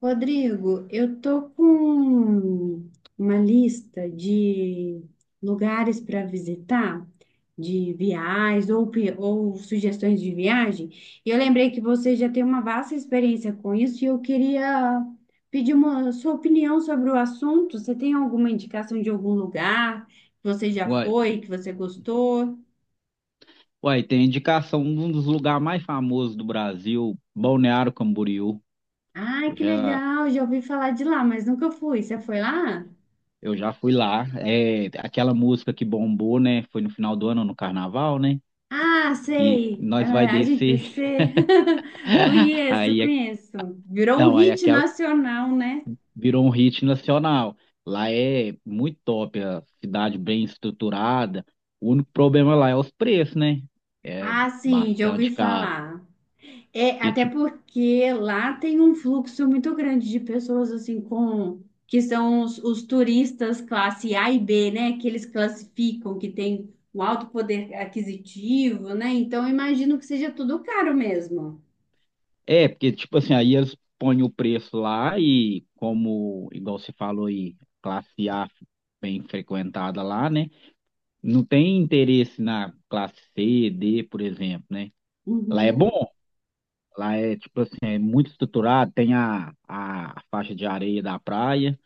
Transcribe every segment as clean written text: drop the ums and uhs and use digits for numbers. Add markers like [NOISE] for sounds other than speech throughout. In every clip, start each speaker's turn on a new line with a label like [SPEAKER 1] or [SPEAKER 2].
[SPEAKER 1] Rodrigo, eu tô com uma lista de lugares para visitar, de viagens ou, ou sugestões de viagem. E eu lembrei que você já tem uma vasta experiência com isso e eu queria pedir uma sua opinião sobre o assunto. Você tem alguma indicação de algum lugar que você já
[SPEAKER 2] Uai,
[SPEAKER 1] foi, que você gostou?
[SPEAKER 2] uai, tem indicação de um dos lugares mais famosos do Brasil, Balneário Camboriú.
[SPEAKER 1] Ai,
[SPEAKER 2] Eu
[SPEAKER 1] que
[SPEAKER 2] já,
[SPEAKER 1] legal! Já ouvi falar de lá, mas nunca fui. Você foi lá?
[SPEAKER 2] eu já fui lá. É aquela música que bombou, né? Foi no final do ano, no carnaval, né?
[SPEAKER 1] Ah,
[SPEAKER 2] Que
[SPEAKER 1] sei.
[SPEAKER 2] nós vai
[SPEAKER 1] Ah, A gente
[SPEAKER 2] descer.
[SPEAKER 1] se... [LAUGHS]
[SPEAKER 2] [LAUGHS]
[SPEAKER 1] Conheço,
[SPEAKER 2] Aí, é-
[SPEAKER 1] conheço. Virou um
[SPEAKER 2] não, aí
[SPEAKER 1] hit
[SPEAKER 2] aquela
[SPEAKER 1] nacional, né?
[SPEAKER 2] virou um hit nacional. Lá é muito top, a cidade bem estruturada. O único problema lá é os preços, né? É
[SPEAKER 1] Ah, sim, já ouvi
[SPEAKER 2] bastante caro.
[SPEAKER 1] falar. É,
[SPEAKER 2] Porque,
[SPEAKER 1] até
[SPEAKER 2] tipo
[SPEAKER 1] porque lá tem um fluxo muito grande de pessoas assim com que são os turistas classe A e B, né? Que eles classificam, que tem um alto poder aquisitivo, né? Então eu imagino que seja tudo caro mesmo.
[SPEAKER 2] porque, tipo assim, aí eles põem o preço lá e, como, igual você falou aí, classe A bem frequentada lá, né? Não tem interesse na classe C, D, por exemplo, né? Lá é bom,
[SPEAKER 1] Uhum.
[SPEAKER 2] lá é, tipo assim, é muito estruturado, tem a faixa de areia da praia,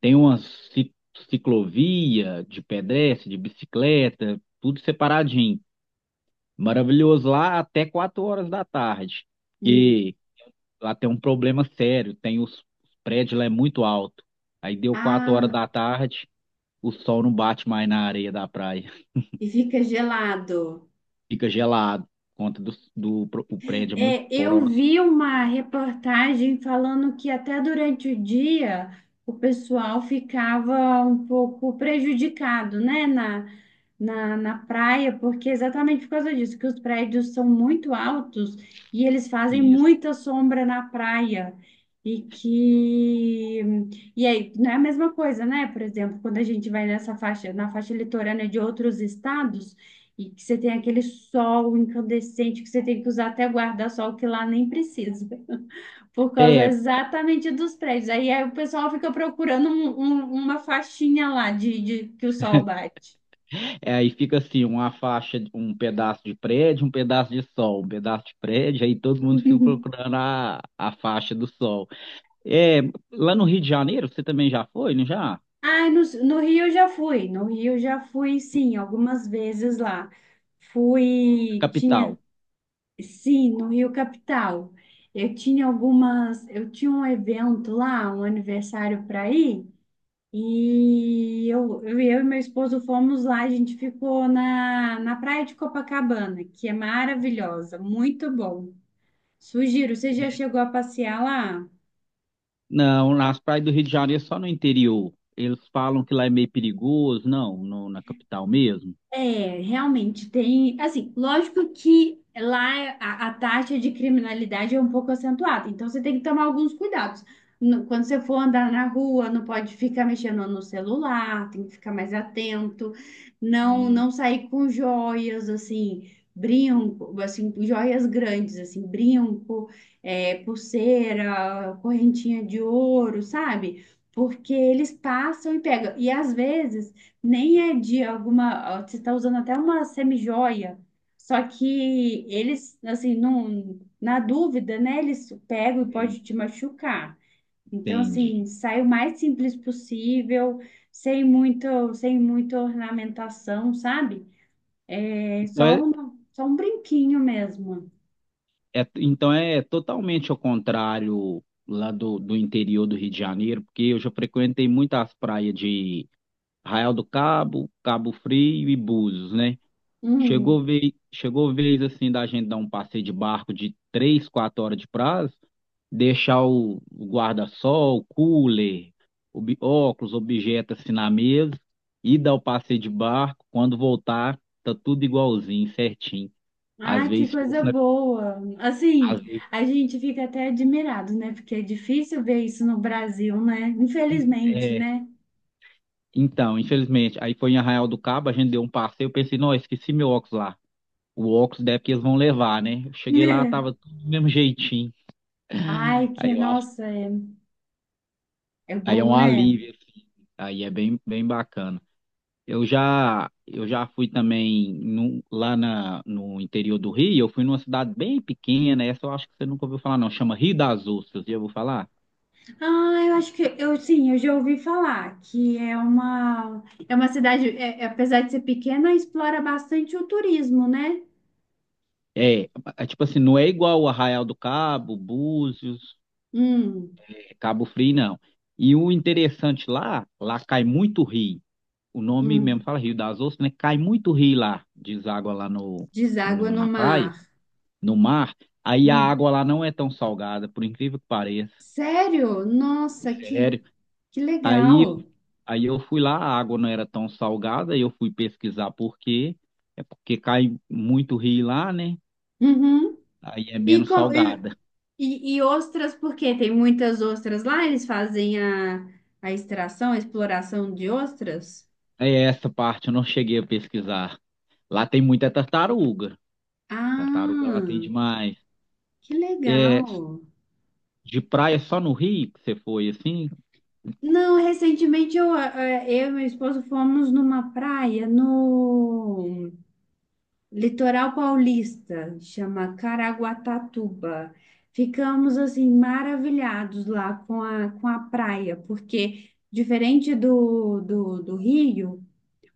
[SPEAKER 2] tem uma ci- ciclovia de pedestre, de bicicleta, tudo separadinho. Maravilhoso lá até 4 horas da tarde.
[SPEAKER 1] Hum.
[SPEAKER 2] Lá tem um problema sério, tem os prédios lá é muito alto. Aí deu quatro horas
[SPEAKER 1] Ah,
[SPEAKER 2] da tarde, o sol não bate mais na areia da praia,
[SPEAKER 1] e fica gelado.
[SPEAKER 2] [LAUGHS] fica gelado, por conta o prédio é muito
[SPEAKER 1] É, eu
[SPEAKER 2] próximo.
[SPEAKER 1] vi uma reportagem falando que até durante o dia o pessoal ficava um pouco prejudicado, né, na praia, porque exatamente por causa disso, que os prédios são muito altos e eles fazem
[SPEAKER 2] Isso.
[SPEAKER 1] muita sombra na praia. E que. E aí, não é a mesma coisa, né? Por exemplo, quando a gente vai nessa faixa, na faixa litorânea de outros estados. E que você tem aquele sol incandescente que você tem que usar até guarda-sol, que lá nem precisa, [LAUGHS] por causa
[SPEAKER 2] É,
[SPEAKER 1] exatamente dos prédios. Aí o pessoal fica procurando uma faixinha lá que o sol bate.
[SPEAKER 2] aí fica assim, uma faixa, um pedaço de prédio, um pedaço de sol, um pedaço de prédio, aí todo mundo fica
[SPEAKER 1] [LAUGHS]
[SPEAKER 2] procurando a faixa do sol. É, lá no Rio de Janeiro, você também já foi, não já?
[SPEAKER 1] Ah, no Rio eu já fui, no Rio eu já fui, sim, algumas vezes lá. Fui, tinha,
[SPEAKER 2] Capital.
[SPEAKER 1] sim, no Rio Capital. Eu tinha um evento lá, um aniversário para ir. E eu e meu esposo fomos lá, a gente ficou na praia de Copacabana, que é maravilhosa, muito bom. Sugiro, você já chegou a passear lá?
[SPEAKER 2] Não, nas praias do Rio de Janeiro é só no interior. Eles falam que lá é meio perigoso, na capital mesmo.
[SPEAKER 1] É, realmente tem, assim, lógico que lá a taxa de criminalidade é um pouco acentuada, então você tem que tomar alguns cuidados. Quando você for andar na rua, não pode ficar mexendo no celular, tem que ficar mais atento, não
[SPEAKER 2] Hum,
[SPEAKER 1] não sair com joias, assim, brinco, assim, joias grandes, assim, brinco, é, pulseira, correntinha de ouro, sabe? Porque eles passam e pegam. E às vezes nem é de alguma. Você está usando até uma semi-joia, só que eles, assim, não, na dúvida, né? Eles pegam e pode te machucar. Então, assim,
[SPEAKER 2] entendi.
[SPEAKER 1] sai o mais simples possível, sem muito, sem muita ornamentação, sabe? É
[SPEAKER 2] Então
[SPEAKER 1] só
[SPEAKER 2] é,
[SPEAKER 1] um, só um brinquinho mesmo.
[SPEAKER 2] então é totalmente ao contrário lá do interior do Rio de Janeiro, porque eu já frequentei muitas praias de Arraial do Cabo, Cabo Frio e Búzios, né?
[SPEAKER 1] Hum.
[SPEAKER 2] Chegou vez assim da gente dar um passeio de barco de 3, 4 horas de prazo, deixar o guarda-sol, o cooler, óculos, objeto assim na mesa e dar o passeio de barco. Quando voltar, tá tudo igualzinho, certinho. Às
[SPEAKER 1] Ah, que
[SPEAKER 2] vezes fosse
[SPEAKER 1] coisa
[SPEAKER 2] na,
[SPEAKER 1] boa! Assim,
[SPEAKER 2] às vezes,
[SPEAKER 1] a gente fica até admirado, né? Porque é difícil ver isso no Brasil, né? Infelizmente,
[SPEAKER 2] é,
[SPEAKER 1] né?
[SPEAKER 2] então, infelizmente, aí foi em Arraial do Cabo, a gente deu um passeio, eu pensei, não, eu esqueci meu óculos lá. O óculos deve que eles vão levar, né? Eu
[SPEAKER 1] [LAUGHS]
[SPEAKER 2] cheguei lá,
[SPEAKER 1] Né?
[SPEAKER 2] tava tudo do mesmo jeitinho.
[SPEAKER 1] Ai, que
[SPEAKER 2] Aí eu
[SPEAKER 1] nossa, é
[SPEAKER 2] Aí é
[SPEAKER 1] bom,
[SPEAKER 2] um
[SPEAKER 1] né?
[SPEAKER 2] alívio, assim. Aí é bem, bem bacana. Eu já fui também lá na, no interior do Rio, eu fui numa cidade bem pequena, essa eu acho que você nunca ouviu falar, não. Chama Rio das Ostras, já ouviu falar?
[SPEAKER 1] Ah, eu acho que eu sim, eu já ouvi falar que é uma cidade, apesar de ser pequena, explora bastante o turismo, né?
[SPEAKER 2] É, é tipo assim, não é igual o Arraial do Cabo, Búzios,
[SPEAKER 1] Hum,
[SPEAKER 2] Cabo Frio, não. E o interessante lá, lá cai muito rio. O nome mesmo
[SPEAKER 1] hum.
[SPEAKER 2] fala Rio das Ostras, né? Cai muito rio lá, deságua lá no,
[SPEAKER 1] Deságua
[SPEAKER 2] no-
[SPEAKER 1] no
[SPEAKER 2] na praia.
[SPEAKER 1] mar.
[SPEAKER 2] No mar, aí a
[SPEAKER 1] Hum.
[SPEAKER 2] água lá não é tão salgada, por incrível que pareça.
[SPEAKER 1] Sério? Nossa, que
[SPEAKER 2] Sério.
[SPEAKER 1] que
[SPEAKER 2] Aí, eu-
[SPEAKER 1] legal.
[SPEAKER 2] aí eu fui lá, a água não era tão salgada, e eu fui pesquisar por quê. É porque cai muito rio lá, né?
[SPEAKER 1] Uhum.
[SPEAKER 2] Aí é
[SPEAKER 1] E,
[SPEAKER 2] menos
[SPEAKER 1] co- e,
[SPEAKER 2] salgada.
[SPEAKER 1] e, ostras, porque tem muitas ostras lá, eles fazem a extração, a exploração de ostras?
[SPEAKER 2] É essa parte eu não cheguei a pesquisar. Lá tem muita tartaruga.
[SPEAKER 1] Ah.
[SPEAKER 2] Tartaruga lá tem demais.
[SPEAKER 1] Que legal!
[SPEAKER 2] É, de praia só no Rio que você foi assim?
[SPEAKER 1] Não, recentemente eu e meu esposo fomos numa praia no litoral paulista, chama Caraguatatuba. Ficamos assim maravilhados lá com a praia, porque diferente do Rio,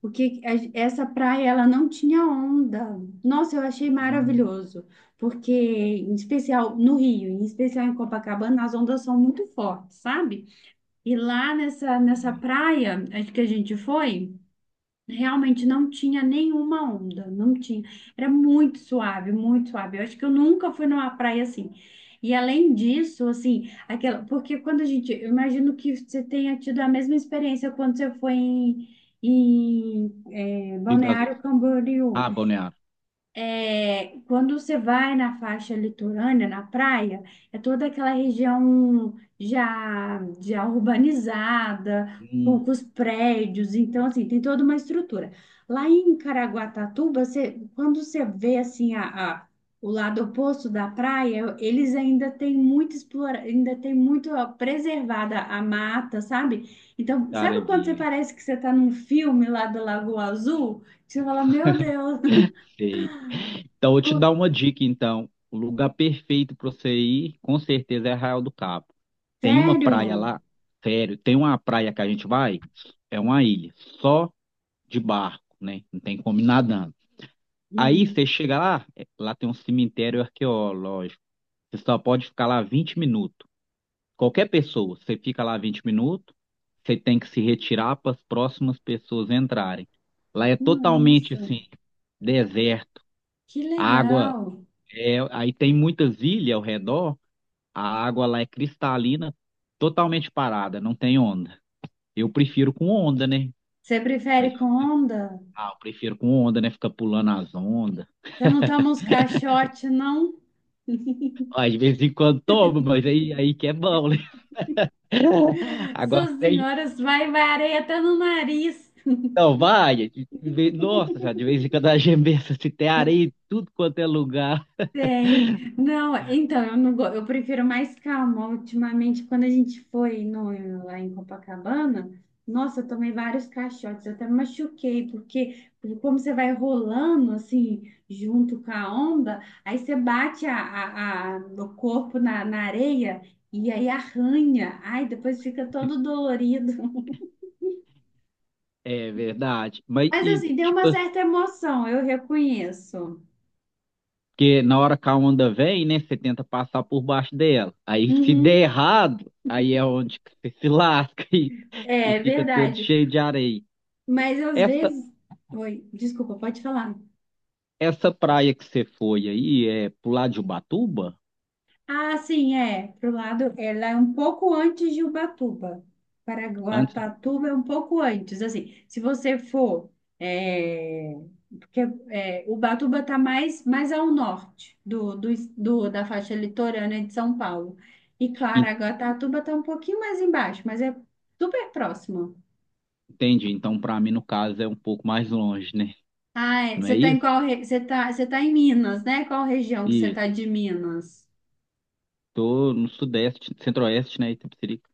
[SPEAKER 1] o que a- essa praia ela não tinha onda. Nossa, eu achei
[SPEAKER 2] Hum,
[SPEAKER 1] maravilhoso, porque em especial no Rio, em especial em Copacabana, as ondas são muito fortes, sabe? E lá nessa
[SPEAKER 2] também.
[SPEAKER 1] praia acho que a gente foi, realmente não tinha nenhuma onda, não tinha. Era muito suave, muito suave. Eu acho que eu nunca fui numa praia assim. E além disso, assim, aquela, porque eu imagino que você tenha tido a mesma experiência quando você foi em, em
[SPEAKER 2] Rio das
[SPEAKER 1] Balneário
[SPEAKER 2] Ostras.
[SPEAKER 1] Camboriú.
[SPEAKER 2] Ah, Balneário.
[SPEAKER 1] É, quando você vai na faixa litorânea, na praia, é toda aquela região já, já urbanizada,
[SPEAKER 2] Hum,
[SPEAKER 1] poucos prédios, então assim, tem toda uma estrutura. Lá em Caraguatatuba, você, quando você vê assim o lado oposto da praia, eles ainda têm muito explora, ainda tem muito ó, preservada a mata, sabe? Então, sabe
[SPEAKER 2] área
[SPEAKER 1] quando você
[SPEAKER 2] verde.
[SPEAKER 1] parece que você está num filme lá da Lagoa Azul? Que você fala, meu Deus.
[SPEAKER 2] Sei. Então, eu vou te dar
[SPEAKER 1] [LAUGHS]
[SPEAKER 2] uma dica, então. O lugar perfeito para você ir, com certeza, é Arraial do Cabo. Tem uma praia
[SPEAKER 1] Sério?
[SPEAKER 2] lá, sério, tem uma praia que a gente vai, é uma ilha, só de barco, né? Não tem como ir nadando. Aí
[SPEAKER 1] Hum,
[SPEAKER 2] você chega lá, lá tem um cemitério arqueológico. Você só pode ficar lá 20 minutos. Qualquer pessoa, você fica lá 20 minutos, você tem que se retirar para as próximas pessoas entrarem. Lá é totalmente
[SPEAKER 1] nossa,
[SPEAKER 2] assim, deserto,
[SPEAKER 1] que
[SPEAKER 2] água
[SPEAKER 1] legal.
[SPEAKER 2] é, aí tem muitas ilhas ao redor, a água lá é cristalina, totalmente parada, não tem onda. Eu prefiro com onda, né?
[SPEAKER 1] Você
[SPEAKER 2] Mas,
[SPEAKER 1] prefere com onda?
[SPEAKER 2] ah, eu prefiro com onda, né? Fica pulando as ondas.
[SPEAKER 1] Você não toma uns caixotes, não?
[SPEAKER 2] Ah, de vez em quando toma, mas aí que é bom, né? [LAUGHS] Agora
[SPEAKER 1] Suas
[SPEAKER 2] sem.
[SPEAKER 1] senhoras, vai, vai areia até no nariz.
[SPEAKER 2] Não, vai. Nossa, já de vez em quando a gente pensa se tem areia em tudo quanto é lugar.
[SPEAKER 1] Tem. Não, então, eu não go... eu prefiro mais calma. Ultimamente, quando a gente foi no... lá em Copacabana, nossa, eu tomei vários caixotes, eu até me machuquei, porque como você vai rolando assim, junto com a onda, aí você bate o corpo na areia e aí arranha. Ai, depois fica todo dolorido.
[SPEAKER 2] É verdade.
[SPEAKER 1] [LAUGHS] Mas assim, tem uma certa emoção, eu reconheço.
[SPEAKER 2] Porque na hora que a onda vem, né, você tenta passar por baixo dela. Aí se der
[SPEAKER 1] Uhum.
[SPEAKER 2] errado, aí é onde que você se lasca [LAUGHS] e
[SPEAKER 1] É
[SPEAKER 2] fica todo
[SPEAKER 1] verdade.
[SPEAKER 2] cheio de areia.
[SPEAKER 1] Mas às
[SPEAKER 2] Essa
[SPEAKER 1] vezes. Oi, desculpa, pode falar.
[SPEAKER 2] essa praia que você foi aí é pro lado de Ubatuba?
[SPEAKER 1] Ah, sim, é. Pro lado, ela é um pouco antes de Ubatuba.
[SPEAKER 2] Antes,
[SPEAKER 1] Paraguatatuba é um pouco antes. Assim, se você for. É, porque Ubatuba está mais ao norte da faixa litorânea de São Paulo. E Caraguatatuba está um pouquinho mais embaixo, mas é super próximo.
[SPEAKER 2] entende? Então, para mim, no caso, é um pouco mais longe, né?
[SPEAKER 1] Ah, é,
[SPEAKER 2] Não
[SPEAKER 1] você
[SPEAKER 2] é
[SPEAKER 1] está em
[SPEAKER 2] isso?
[SPEAKER 1] qual. Você tá em Minas, né? Qual região que você está
[SPEAKER 2] Isso.
[SPEAKER 1] de Minas?
[SPEAKER 2] Tô no sudeste, centro-oeste, né, Itapecerica.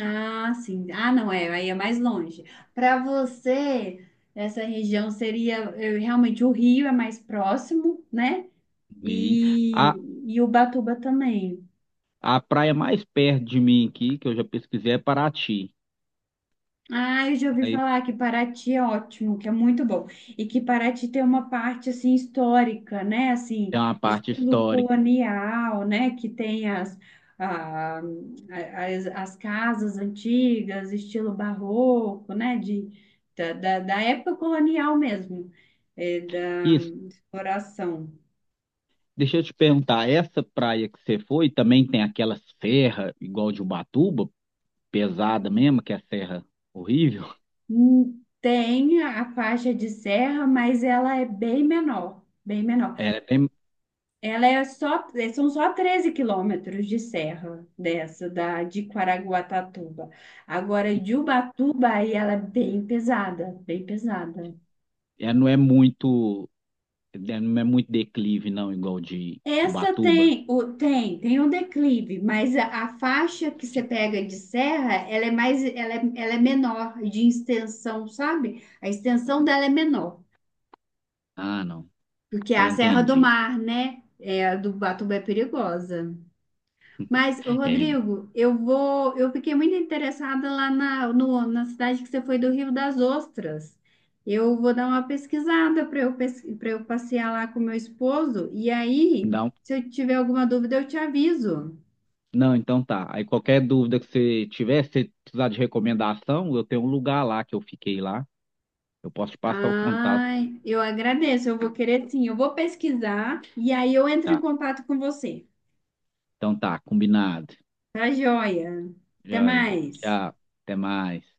[SPEAKER 1] Ah, sim. Ah, não, é, aí é mais longe. Para você, essa região seria realmente o Rio é mais próximo, né?
[SPEAKER 2] E a,
[SPEAKER 1] E, e Ubatuba também.
[SPEAKER 2] a praia mais perto de mim aqui, que eu já pesquisei, é Paraty.
[SPEAKER 1] Ah, eu já ouvi
[SPEAKER 2] Mas
[SPEAKER 1] falar que Paraty é ótimo, que é muito bom. E que Paraty tem uma parte assim histórica, né? Assim,
[SPEAKER 2] é uma parte
[SPEAKER 1] estilo
[SPEAKER 2] histórica.
[SPEAKER 1] colonial, né? Que tem as, ah, as casas antigas, estilo barroco, né? Da época colonial mesmo, da
[SPEAKER 2] Isso,
[SPEAKER 1] exploração.
[SPEAKER 2] deixa eu te perguntar, essa praia que você foi também tem aquela serra igual de Ubatuba, pesada mesmo, que é a serra horrível?
[SPEAKER 1] Tem a faixa de serra, mas ela é bem menor, bem menor.
[SPEAKER 2] É, tem-
[SPEAKER 1] Ela é só, é, são só 13 km de serra dessa, da, de Caraguatatuba. Agora, de Ubatuba, aí ela é bem pesada, bem pesada.
[SPEAKER 2] é, não é muito, é, não é muito declive não, igual de
[SPEAKER 1] Essa
[SPEAKER 2] Ubatuba.
[SPEAKER 1] tem o, tem, tem um declive, mas a faixa que você pega de serra, ela é mais, ela é menor de extensão, sabe? A extensão dela é menor,
[SPEAKER 2] Ah, não.
[SPEAKER 1] porque é
[SPEAKER 2] Então
[SPEAKER 1] a Serra do
[SPEAKER 2] entendi.
[SPEAKER 1] Mar, né? É, a do Ubatuba é perigosa. Mas, ô,
[SPEAKER 2] É,
[SPEAKER 1] Rodrigo, eu vou. Eu fiquei muito interessada lá na, no- na cidade que você foi do Rio das Ostras. Eu vou dar uma pesquisada para eu passear lá com meu esposo. E aí,
[SPEAKER 2] não,
[SPEAKER 1] se eu tiver alguma dúvida, eu te aviso.
[SPEAKER 2] não, então tá. Aí qualquer dúvida que você tiver, se você precisar de recomendação, eu tenho um lugar lá que eu fiquei lá. Eu posso te passar o contato,
[SPEAKER 1] Ai, eu agradeço. Eu vou querer sim. Eu vou pesquisar e aí eu entro em
[SPEAKER 2] tá?
[SPEAKER 1] contato com você.
[SPEAKER 2] Então tá, combinado.
[SPEAKER 1] Tá joia? Até
[SPEAKER 2] Joia.
[SPEAKER 1] mais.
[SPEAKER 2] Tchau. Até mais.